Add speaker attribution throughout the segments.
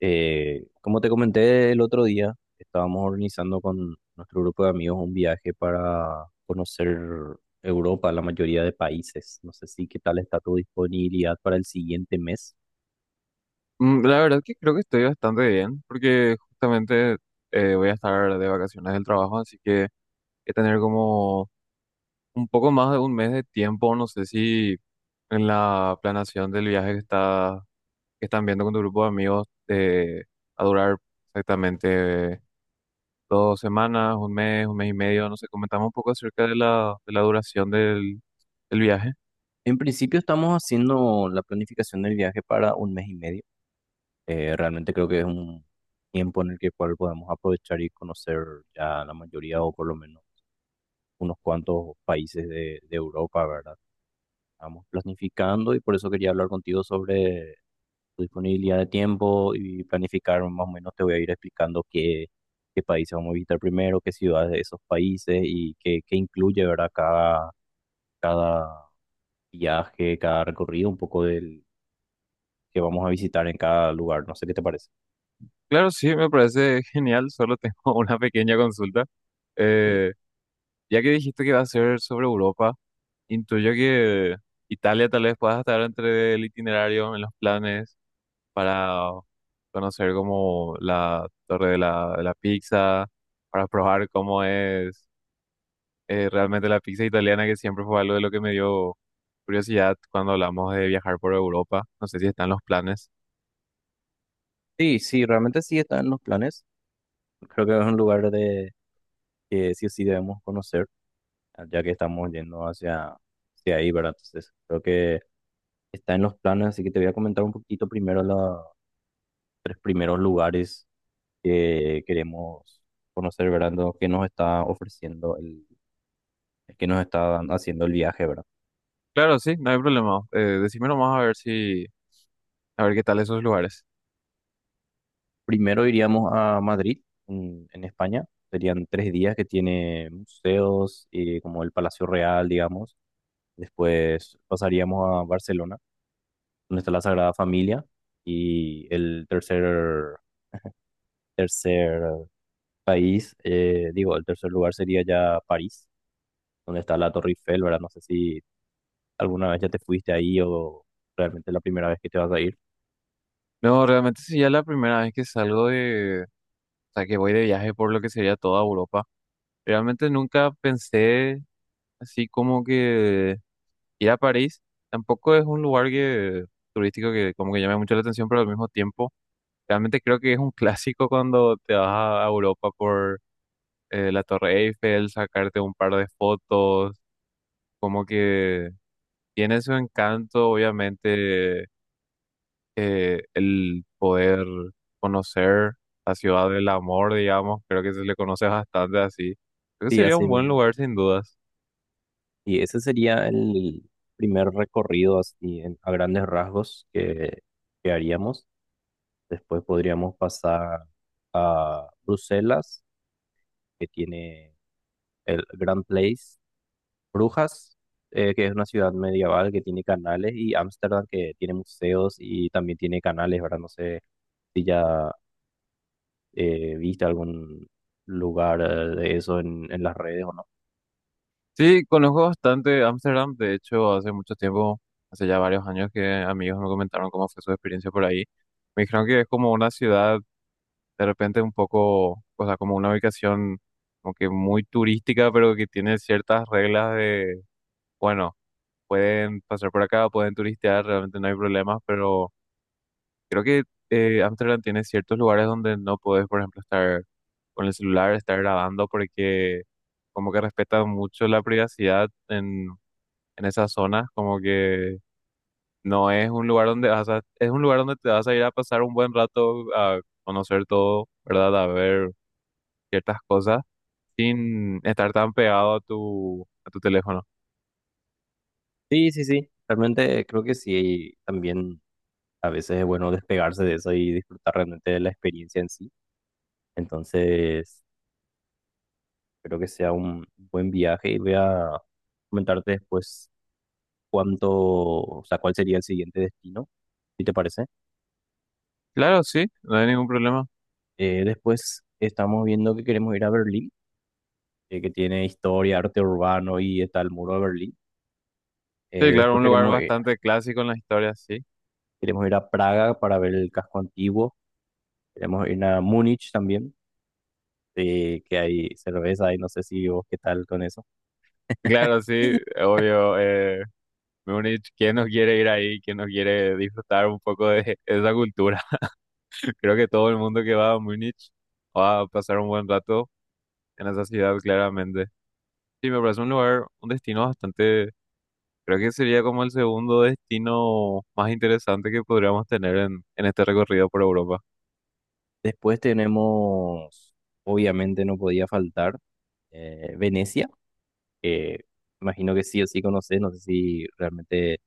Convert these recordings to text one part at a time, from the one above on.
Speaker 1: Como te comenté el otro día, estábamos organizando con nuestro grupo de amigos un viaje para conocer Europa, la mayoría de países. No sé si qué tal está tu disponibilidad para el siguiente mes.
Speaker 2: La verdad que creo que estoy bastante bien, porque justamente voy a estar de vacaciones del trabajo, así que he tener como un poco más de un mes de tiempo, no sé si en la planeación del viaje que están viendo con tu grupo de amigos a durar exactamente 2 semanas, un mes y medio, no sé, comentamos un poco acerca de la duración del viaje.
Speaker 1: En principio estamos haciendo la planificación del viaje para un mes y medio. Realmente creo que es un tiempo en el que cual podemos aprovechar y conocer ya la mayoría o por lo menos unos cuantos países de Europa, ¿verdad? Estamos planificando y por eso quería hablar contigo sobre tu disponibilidad de tiempo y planificar más o menos te voy a ir explicando qué países vamos a visitar primero, qué ciudades de esos países y qué incluye, ¿verdad? Cada viaje, cada recorrido, un poco del que vamos a visitar en cada lugar. No sé qué te parece.
Speaker 2: Claro, sí, me parece genial, solo tengo una pequeña consulta. eh, Ya que dijiste que va a ser sobre Europa, intuyo que Italia tal vez pueda estar entre el itinerario en los planes para conocer como la torre de la pizza, para probar cómo es realmente la pizza italiana, que siempre fue algo de lo que me dio curiosidad cuando hablamos de viajar por Europa. No sé si están los planes.
Speaker 1: Sí, sí, realmente sí está en los planes. Creo que es un lugar de que sí o sí debemos conocer, ya que estamos yendo hacia ahí, ¿verdad? Entonces, creo que está en los planes, así que te voy a comentar un poquito primero los tres primeros lugares que queremos conocer, ¿verdad? Lo que nos está ofreciendo que nos está dan- haciendo el viaje, ¿verdad?
Speaker 2: Claro, sí, no hay problema. Decime nomás a ver si, a ver qué tal esos lugares.
Speaker 1: Primero iríamos a Madrid, en España. Serían tres días que tiene museos, como el Palacio Real, digamos. Después pasaríamos a Barcelona, donde está la Sagrada Familia. Y el tercer país, digo, el tercer lugar sería ya París, donde está la Torre Eiffel, ¿verdad? No sé si ¿Alguna vez ya te fuiste ahí o realmente es la primera vez que te vas a ir?
Speaker 2: No, realmente sí, ya la primera vez que salgo de o sea, que voy de viaje por lo que sería toda Europa. Realmente nunca pensé así como que ir a París. Tampoco es un lugar turístico que como que llame mucho la atención, pero al mismo tiempo realmente creo que es un clásico cuando te vas a Europa por la Torre Eiffel, sacarte un par de fotos, como que tiene su encanto, obviamente el poder conocer la ciudad del amor, digamos, creo que se le conoce bastante así. Creo que
Speaker 1: Sí,
Speaker 2: sería
Speaker 1: así
Speaker 2: un buen
Speaker 1: mismo.
Speaker 2: lugar sin dudas.
Speaker 1: Y ese sería el primer recorrido así a grandes rasgos que haríamos. Después podríamos pasar a Bruselas, que tiene el Grand Place, Brujas, que es una ciudad medieval que tiene canales, y Ámsterdam, que tiene museos y también tiene canales, ¿verdad? No sé si ya viste algún lugar de eso en las redes o no.
Speaker 2: Sí, conozco bastante Ámsterdam, de hecho, hace mucho tiempo, hace ya varios años que amigos me comentaron cómo fue su experiencia por ahí. Me dijeron que es como una ciudad de repente un poco, o sea, como una ubicación como que muy turística, pero que tiene ciertas reglas de, bueno, pueden pasar por acá, pueden turistear, realmente no hay problemas, pero creo que Amsterdam tiene ciertos lugares donde no podés, por ejemplo, estar con el celular, estar grabando, porque como que respetan mucho la privacidad en esas zonas, como que no es un lugar donde vas a, es un lugar donde te vas a ir a pasar un buen rato a conocer todo, ¿verdad? A ver ciertas cosas sin estar tan pegado a tu teléfono.
Speaker 1: Sí, sí, sí. Realmente creo que sí, también a veces es bueno despegarse de eso y disfrutar realmente de la experiencia en sí. Entonces, espero que sea un buen viaje y voy a comentarte después o sea, cuál sería el siguiente destino, si te parece.
Speaker 2: Claro, sí, no hay ningún problema.
Speaker 1: Después estamos viendo que queremos ir a Berlín, que tiene historia, arte urbano y está el muro de Berlín.
Speaker 2: Sí, claro,
Speaker 1: Después
Speaker 2: un lugar bastante clásico en la historia, sí.
Speaker 1: queremos ir a Praga para ver el casco antiguo. Queremos ir a Múnich también. Sí, que hay cerveza y no sé si vos qué tal con eso.
Speaker 2: Claro, sí, obvio. Mejor dicho, ¿quién no quiere ir ahí? ¿Quién no quiere disfrutar un poco de esa cultura? Creo que todo el mundo que va a Múnich va a pasar un buen rato en esa ciudad, claramente. Sí, me parece un lugar, un destino bastante, creo que sería como el segundo destino más interesante que podríamos tener en este recorrido por Europa.
Speaker 1: Después obviamente no podía faltar, Venecia, que imagino que sí o sí conoces, no sé si realmente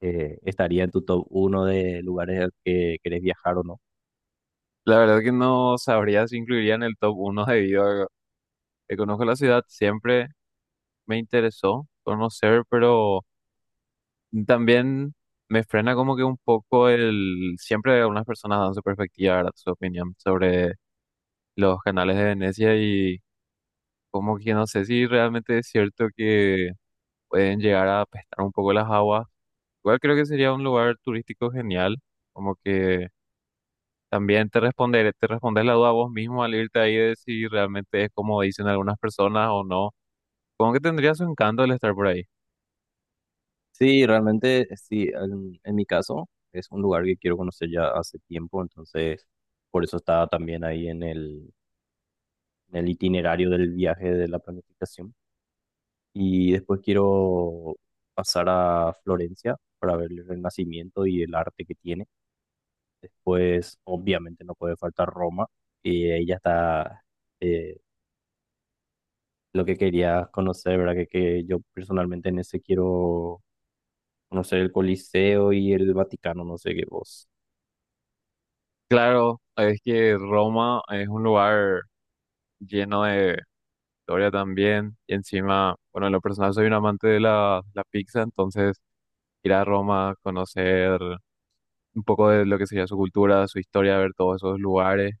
Speaker 1: estaría en tu top uno de lugares al que querés viajar o no.
Speaker 2: La verdad que no sabría si incluiría en el top uno debido a que conozco la ciudad, siempre me interesó conocer, pero... También me frena como que un poco el... Siempre algunas personas dan su perspectiva, ¿verdad? Su opinión sobre los canales de Venecia y como que no sé si realmente es cierto que pueden llegar a apestar un poco las aguas. Igual creo que sería un lugar turístico genial, como que también te responderé, te respondes la duda vos mismo al irte ahí de si realmente es como dicen algunas personas o no. Como que tendría su encanto el estar por ahí.
Speaker 1: Sí, realmente sí, en mi caso es un lugar que quiero conocer ya hace tiempo, entonces por eso estaba también ahí en en el itinerario del viaje de la planificación. Y después quiero pasar a Florencia para ver el Renacimiento y el arte que tiene. Después, obviamente, no puede faltar Roma, y ahí ya está eh, lo que quería conocer, ¿verdad? Que yo personalmente en ese quiero conocer el Coliseo y el Vaticano, no sé qué vos.
Speaker 2: Claro, es que Roma es un lugar lleno de historia también. Y encima, bueno, en lo personal soy un amante de la pizza, entonces ir a Roma, conocer un poco de lo que sería su cultura, su historia, ver todos esos lugares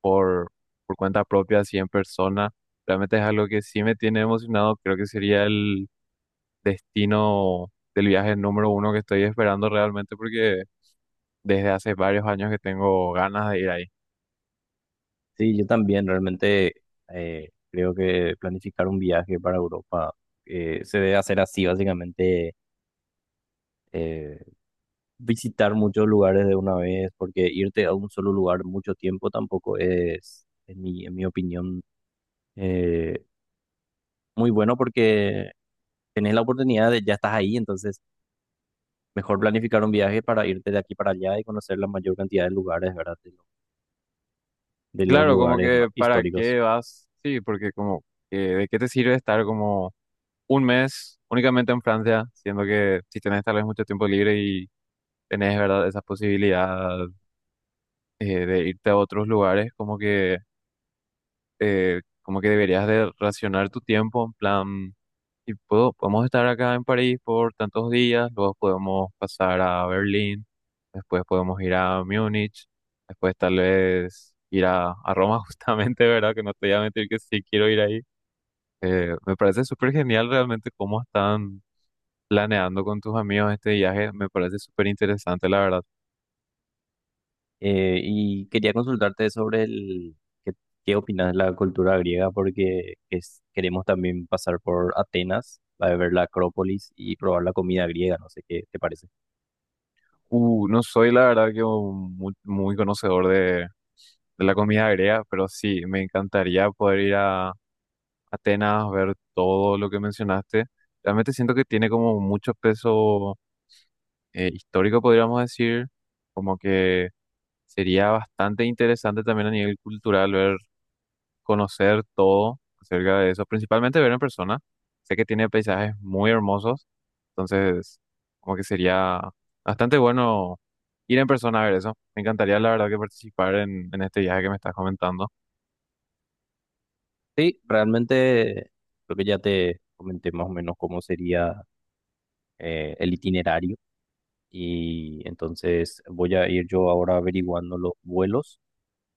Speaker 2: por, por cuenta propia, así en persona, realmente es algo que sí me tiene emocionado. Creo que sería el destino del viaje número uno que estoy esperando realmente porque desde hace varios años que tengo ganas de ir ahí.
Speaker 1: Sí, yo también realmente creo que planificar un viaje para Europa se debe hacer así, básicamente eh, visitar muchos lugares de una vez, porque irte a un solo lugar mucho tiempo tampoco es, en mi opinión, eh, muy bueno porque tenés la oportunidad de ya estás ahí, entonces mejor planificar un viaje para irte de aquí para allá y conocer la mayor cantidad de lugares, ¿verdad? De los
Speaker 2: Claro, como
Speaker 1: lugares
Speaker 2: que para
Speaker 1: históricos.
Speaker 2: qué vas, sí, porque como que de qué te sirve estar como un mes únicamente en Francia, siendo que si tenés tal vez mucho tiempo libre y tenés, ¿verdad?, esa posibilidad de irte a otros lugares, como que deberías de racionar tu tiempo en plan, y podemos estar acá en París por tantos días, luego podemos pasar a Berlín, después podemos ir a Múnich, después tal vez ir a Roma justamente, ¿verdad?, que no te voy a mentir que sí quiero ir ahí. Me parece súper genial realmente cómo están planeando con tus amigos este viaje. Me parece súper interesante, la verdad.
Speaker 1: Y quería consultarte sobre el... qué qué opinas de la cultura griega, porque queremos también pasar por Atenas, para ver la Acrópolis y probar la comida griega, no sé qué te parece.
Speaker 2: No soy, la verdad, que un muy, muy conocedor de la comida griega, pero sí, me encantaría poder ir a Atenas, ver todo lo que mencionaste. Realmente siento que tiene como mucho peso histórico, podríamos decir, como que sería bastante interesante también a nivel cultural ver conocer todo acerca de eso, principalmente ver en persona. Sé que tiene paisajes muy hermosos, entonces como que sería bastante bueno ir en persona a ver eso. Me encantaría, la verdad, que participar en este viaje que me estás comentando.
Speaker 1: Sí, realmente creo que ya te comenté más o menos cómo sería el itinerario y entonces voy a ir yo ahora averiguando los vuelos,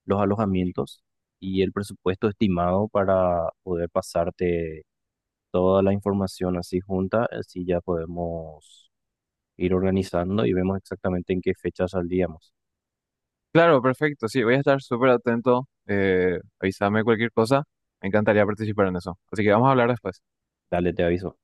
Speaker 1: los alojamientos y el presupuesto estimado para poder pasarte toda la información así junta, así ya podemos ir organizando y vemos exactamente en qué fecha saldríamos.
Speaker 2: Claro, perfecto, sí, voy a estar súper atento. Avísame cualquier cosa. Me encantaría participar en eso. Así que vamos a hablar después.
Speaker 1: Dale, te aviso.